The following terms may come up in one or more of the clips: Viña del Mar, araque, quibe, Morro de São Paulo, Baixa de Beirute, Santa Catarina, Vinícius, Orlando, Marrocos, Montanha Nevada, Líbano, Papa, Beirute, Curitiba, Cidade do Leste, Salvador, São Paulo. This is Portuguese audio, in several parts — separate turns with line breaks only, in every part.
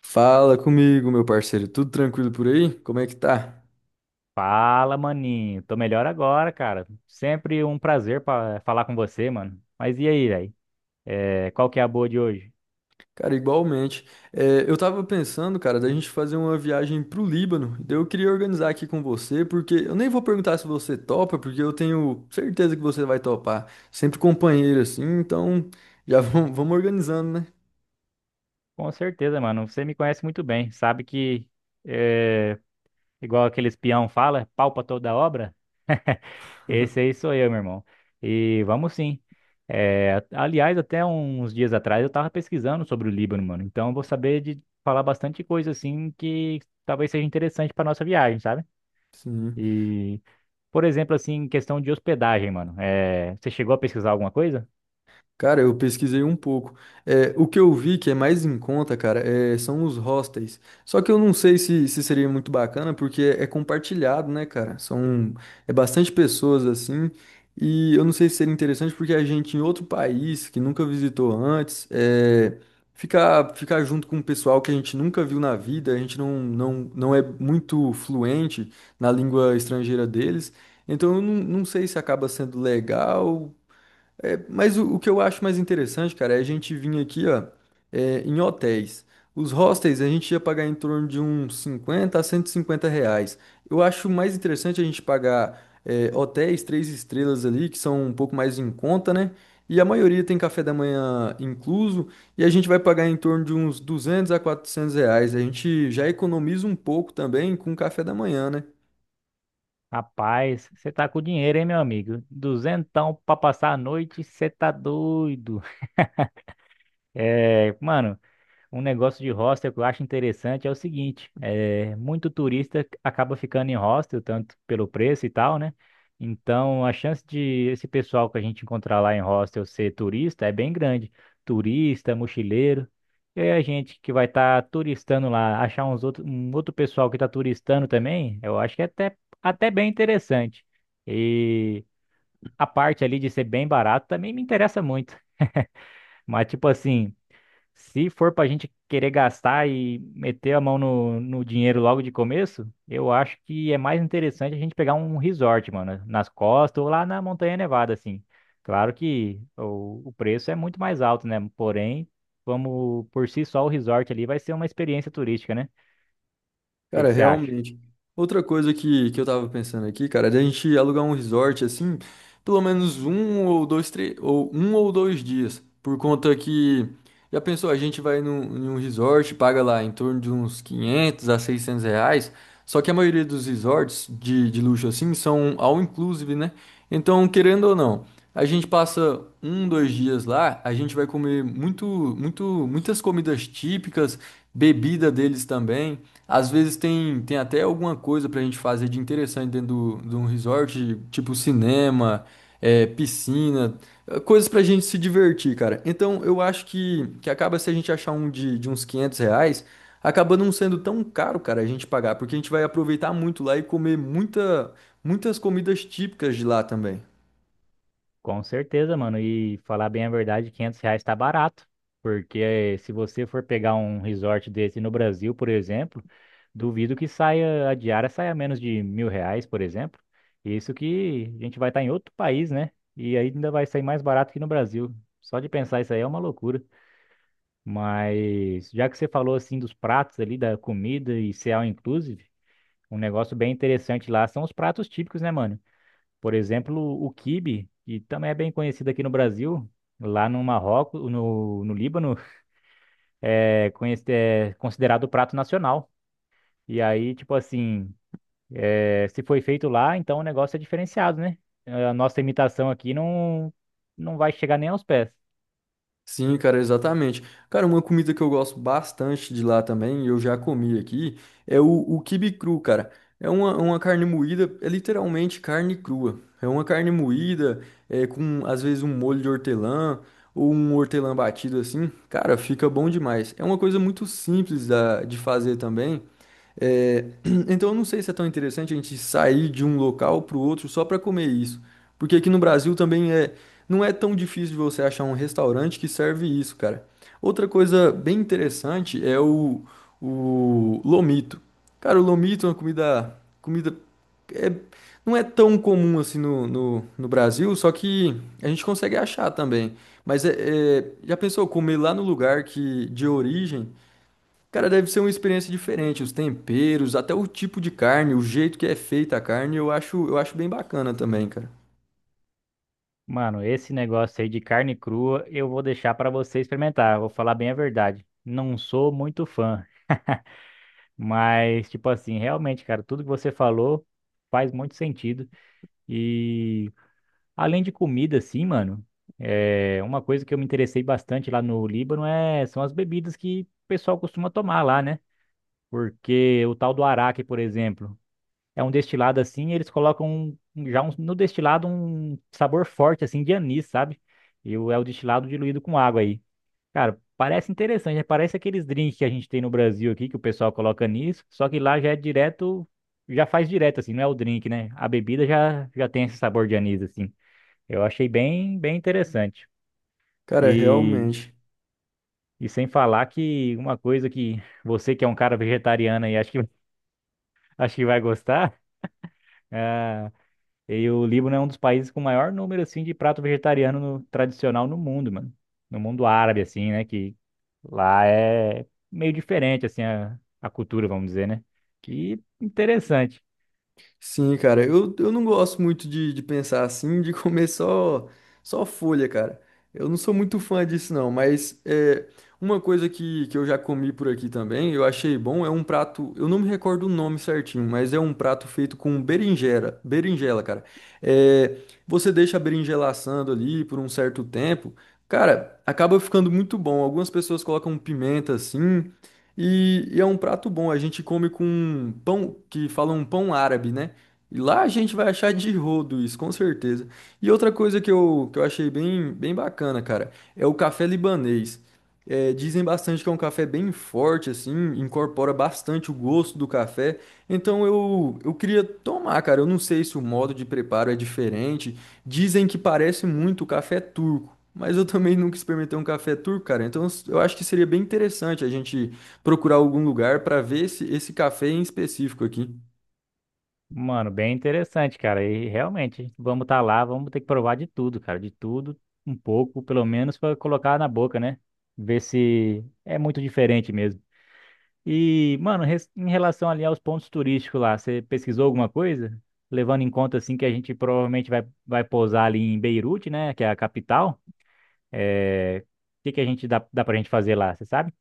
Fala comigo, meu parceiro. Tudo tranquilo por aí? Como é que tá?
Fala, maninho. Tô melhor agora, cara. Sempre um prazer pa falar com você, mano. Mas e aí, velho? Qual que é a boa de hoje?
Cara, igualmente. É, eu tava pensando, cara, da gente fazer uma viagem pro Líbano. Daí eu queria organizar aqui com você, porque eu nem vou perguntar se você topa, porque eu tenho certeza que você vai topar. Sempre companheiro assim, então já vamos, vamos organizando, né?
Com certeza, mano. Você me conhece muito bem. Sabe que, é, igual aquele espião fala, palpa toda a obra? Esse aí sou eu, meu irmão. E vamos sim. Aliás, até uns dias atrás eu tava pesquisando sobre o Líbano, mano. Então eu vou saber de falar bastante coisa, assim, que talvez seja interessante pra nossa viagem, sabe?
Sim.
E, por exemplo, assim, em questão de hospedagem, mano. Você chegou a pesquisar alguma coisa?
Cara, eu pesquisei um pouco. É, o que eu vi que é mais em conta, cara, é, são os hostels. Só que eu não sei se seria muito bacana, porque é compartilhado, né, cara? São é bastante pessoas assim. E eu não sei se seria interessante porque a gente em outro país que nunca visitou antes, é, ficar junto com um pessoal que a gente nunca viu na vida, a gente não, não, não é muito fluente na língua estrangeira deles. Então eu não, não sei se acaba sendo legal é, mas o que eu acho mais interessante, cara, é a gente vir aqui, ó, é, em hotéis. Os hostels a gente ia pagar em torno de uns 50 a R$ 150. Eu acho mais interessante a gente pagar é, hotéis três estrelas ali, que são um pouco mais em conta, né? E a maioria tem café da manhã incluso, e a gente vai pagar em torno de uns 200 a R$ 400. A gente já economiza um pouco também com o café da manhã, né?
Rapaz, você tá com dinheiro, hein, meu amigo? Duzentão pra passar a noite, você tá doido. Mano, um negócio de hostel que eu acho interessante é o seguinte, é, muito turista acaba ficando em hostel, tanto pelo preço e tal, né? Então, a chance de esse pessoal que a gente encontrar lá em hostel ser turista é bem grande. Turista, mochileiro. E aí a gente que vai estar turistando lá, achar um outro pessoal que está turistando também, eu acho que é até bem interessante. E a parte ali de ser bem barato também me interessa muito. Mas, tipo assim, se for pra gente querer gastar e meter a mão no dinheiro logo de começo, eu acho que é mais interessante a gente pegar um resort, mano, nas costas ou lá na Montanha Nevada, assim. Claro que o preço é muito mais alto, né? Porém, vamos por si só o resort ali vai ser uma experiência turística, né? O que
Cara,
que você acha?
realmente. Outra coisa que eu tava pensando aqui, cara, é da gente alugar um resort assim, pelo menos um ou dois, três, ou um ou dois dias. Por conta que, já pensou, a gente vai num, em um resort, paga lá em torno de uns 500 a R$ 600. Só que a maioria dos resorts de luxo assim são all inclusive, né? Então, querendo ou não, a gente passa um, dois dias lá, a gente vai comer muito, muito, muitas comidas típicas, bebida deles também. Às vezes tem até alguma coisa pra gente fazer de interessante dentro de um resort, tipo cinema, é, piscina, eh, coisas pra gente se divertir, cara. Então eu acho que acaba se a gente achar um de uns R$ 500, acaba não sendo tão caro, cara, a gente pagar, porque a gente vai aproveitar muito lá e comer muita, muitas comidas típicas de lá também.
Com certeza, mano. E falar bem a verdade, R$ 500 tá barato. Porque se você for pegar um resort desse no Brasil, por exemplo, duvido que saia, a diária saia menos de R$ 1.000, por exemplo. Isso que a gente vai estar em outro país, né? E aí ainda vai sair mais barato que no Brasil. Só de pensar isso aí é uma loucura. Mas já que você falou assim dos pratos ali, da comida e ser all inclusive, um negócio bem interessante lá são os pratos típicos, né, mano? Por exemplo, o quibe, que também é bem conhecido aqui no Brasil, lá no Marrocos, no Líbano, é considerado o prato nacional. E aí, tipo assim, se foi feito lá, então o negócio é diferenciado, né? A nossa imitação aqui não, não vai chegar nem aos pés.
Sim, cara, exatamente. Cara, uma comida que eu gosto bastante de lá também, e eu já comi aqui, é o quibe cru, cara. É uma carne moída, é literalmente carne crua. É uma carne moída, é, com às vezes um molho de hortelã ou um hortelã batido assim. Cara, fica bom demais. É uma coisa muito simples da, de fazer também. É, então eu não sei se é tão interessante a gente sair de um local para o outro só para comer isso. Porque aqui no Brasil também é, não é tão difícil de você achar um restaurante que serve isso, cara. Outra coisa bem interessante é o lomito. Cara, o lomito é uma comida é, não é tão comum assim no Brasil, só que a gente consegue achar também. Mas é, já pensou comer lá no lugar que de origem? Cara, deve ser uma experiência diferente, os temperos, até o tipo de carne, o jeito que é feita a carne, eu acho bem bacana também, cara.
Mano, esse negócio aí de carne crua eu vou deixar pra você experimentar. Vou falar bem a verdade. Não sou muito fã, mas, tipo assim, realmente, cara, tudo que você falou faz muito sentido. E, além de comida, assim, mano, é uma coisa que eu me interessei bastante lá no Líbano é são as bebidas que o pessoal costuma tomar lá, né? Porque o tal do araque, por exemplo, é um destilado assim, e eles colocam no destilado um sabor forte assim de anis, sabe? É o destilado diluído com água aí. Cara, parece interessante, né? Parece aqueles drinks que a gente tem no Brasil aqui que o pessoal coloca anis, só que lá já é direto, já faz direto assim, não é o drink, né? A bebida já tem esse sabor de anis assim. Eu achei bem, bem interessante.
Cara,
E,
realmente.
e sem falar que uma coisa que você que é um cara vegetariano e acho que, acho que vai gostar, é, e o Líbano é um dos países com maior número assim de prato vegetariano tradicional no mundo, mano. No mundo árabe assim, né, que lá é meio diferente assim a cultura, vamos dizer, né? E interessante.
Sim, cara, eu não gosto muito de pensar assim, de comer só folha, cara. Eu não sou muito fã disso, não, mas é, uma coisa que eu já comi por aqui também, eu achei bom, é um prato, eu não me recordo o nome certinho, mas é um prato feito com berinjela, berinjela, cara. É, você deixa a berinjela assando ali por um certo tempo, cara, acaba ficando muito bom. Algumas pessoas colocam pimenta assim, e é um prato bom, a gente come com pão, que falam pão árabe, né? E lá a gente vai achar de rodo isso, com certeza. E outra coisa que eu achei bem, bem bacana, cara, é o café libanês. É, dizem bastante que é um café bem forte, assim, incorpora bastante o gosto do café. Então eu queria tomar, cara. Eu não sei se o modo de preparo é diferente. Dizem que parece muito o café turco. Mas eu também nunca experimentei um café turco, cara. Então eu acho que seria bem interessante a gente procurar algum lugar para ver esse café em específico aqui.
Mano, bem interessante, cara. E realmente, vamos estar lá, vamos ter que provar de tudo, cara. De tudo, um pouco, pelo menos, para colocar na boca, né? Ver se é muito diferente mesmo. E, mano, em relação ali aos pontos turísticos lá, você pesquisou alguma coisa? Levando em conta, assim, que a gente provavelmente vai pousar ali em Beirute, né? Que é a capital. É... O que que a gente dá pra gente fazer lá, você sabe?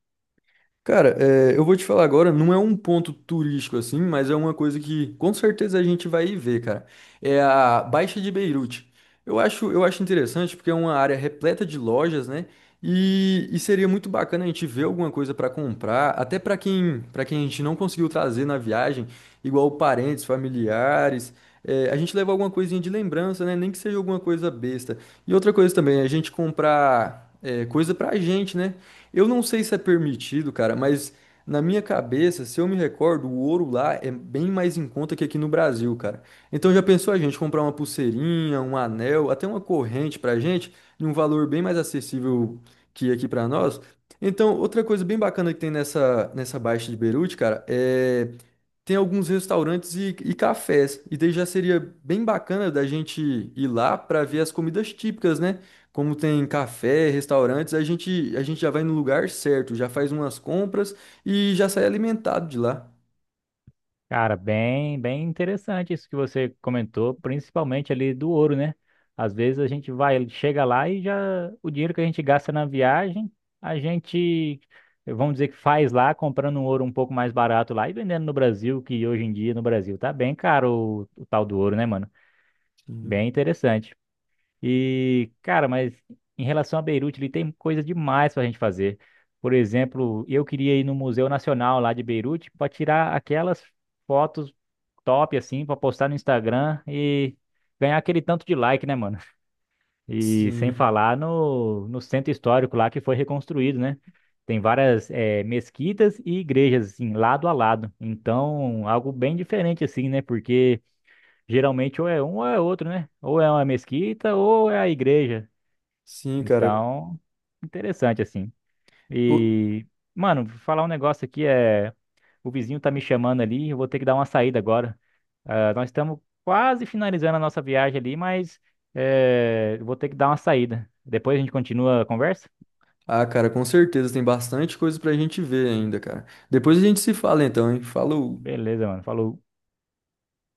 Cara, é, eu vou te falar agora, não é um ponto turístico assim, mas é uma coisa que com certeza a gente vai ir ver, cara. É a Baixa de Beirute. Eu acho interessante porque é uma área repleta de lojas, né? E seria muito bacana a gente ver alguma coisa para comprar, até para quem a gente não conseguiu trazer na viagem, igual parentes, familiares. É, a gente leva alguma coisinha de lembrança, né? Nem que seja alguma coisa besta. E outra coisa também, a gente comprar é, coisa pra gente, né? Eu não sei se é permitido, cara, mas na minha cabeça, se eu me recordo, o ouro lá é bem mais em conta que aqui no Brasil, cara. Então já pensou a gente comprar uma pulseirinha, um anel, até uma corrente pra gente, em um valor bem mais acessível que aqui pra nós? Então, outra coisa bem bacana que tem nessa Baixa de Beirute, cara, é tem alguns restaurantes e cafés. E daí já seria bem bacana da gente ir lá para ver as comidas típicas, né? Como tem café, restaurantes, a gente já vai no lugar certo, já faz umas compras e já sai alimentado de lá.
Cara, bem, bem interessante isso que você comentou, principalmente ali do ouro, né? Às vezes a gente vai, chega lá e já o dinheiro que a gente gasta na viagem, a gente, vamos dizer que faz lá, comprando um ouro um pouco mais barato lá e vendendo no Brasil, que hoje em dia no Brasil tá bem caro o tal do ouro, né, mano?
Sim,
Bem interessante. E, cara, mas em relação a Beirute, ele tem coisa demais pra gente fazer. Por exemplo, eu queria ir no Museu Nacional lá de Beirute para tirar aquelas fotos top assim pra postar no Instagram e ganhar aquele tanto de like, né, mano? E sem
sim,
falar no centro histórico lá que foi reconstruído, né? Tem várias mesquitas e igrejas assim, lado a lado. Então, algo bem diferente assim, né? Porque geralmente ou é um ou é outro, né? Ou é uma mesquita ou é a igreja.
sim, cara.
Então, interessante assim.
O-
E, mano, vou falar um negócio aqui é o vizinho tá me chamando ali, eu vou ter que dar uma saída agora. Ah, nós estamos quase finalizando a nossa viagem ali, mas eu vou ter que dar uma saída. Depois a gente continua a conversa?
Ah, cara, com certeza tem bastante coisa pra gente ver ainda, cara. Depois a gente se fala então, hein? Falou.
Beleza, mano. Falou.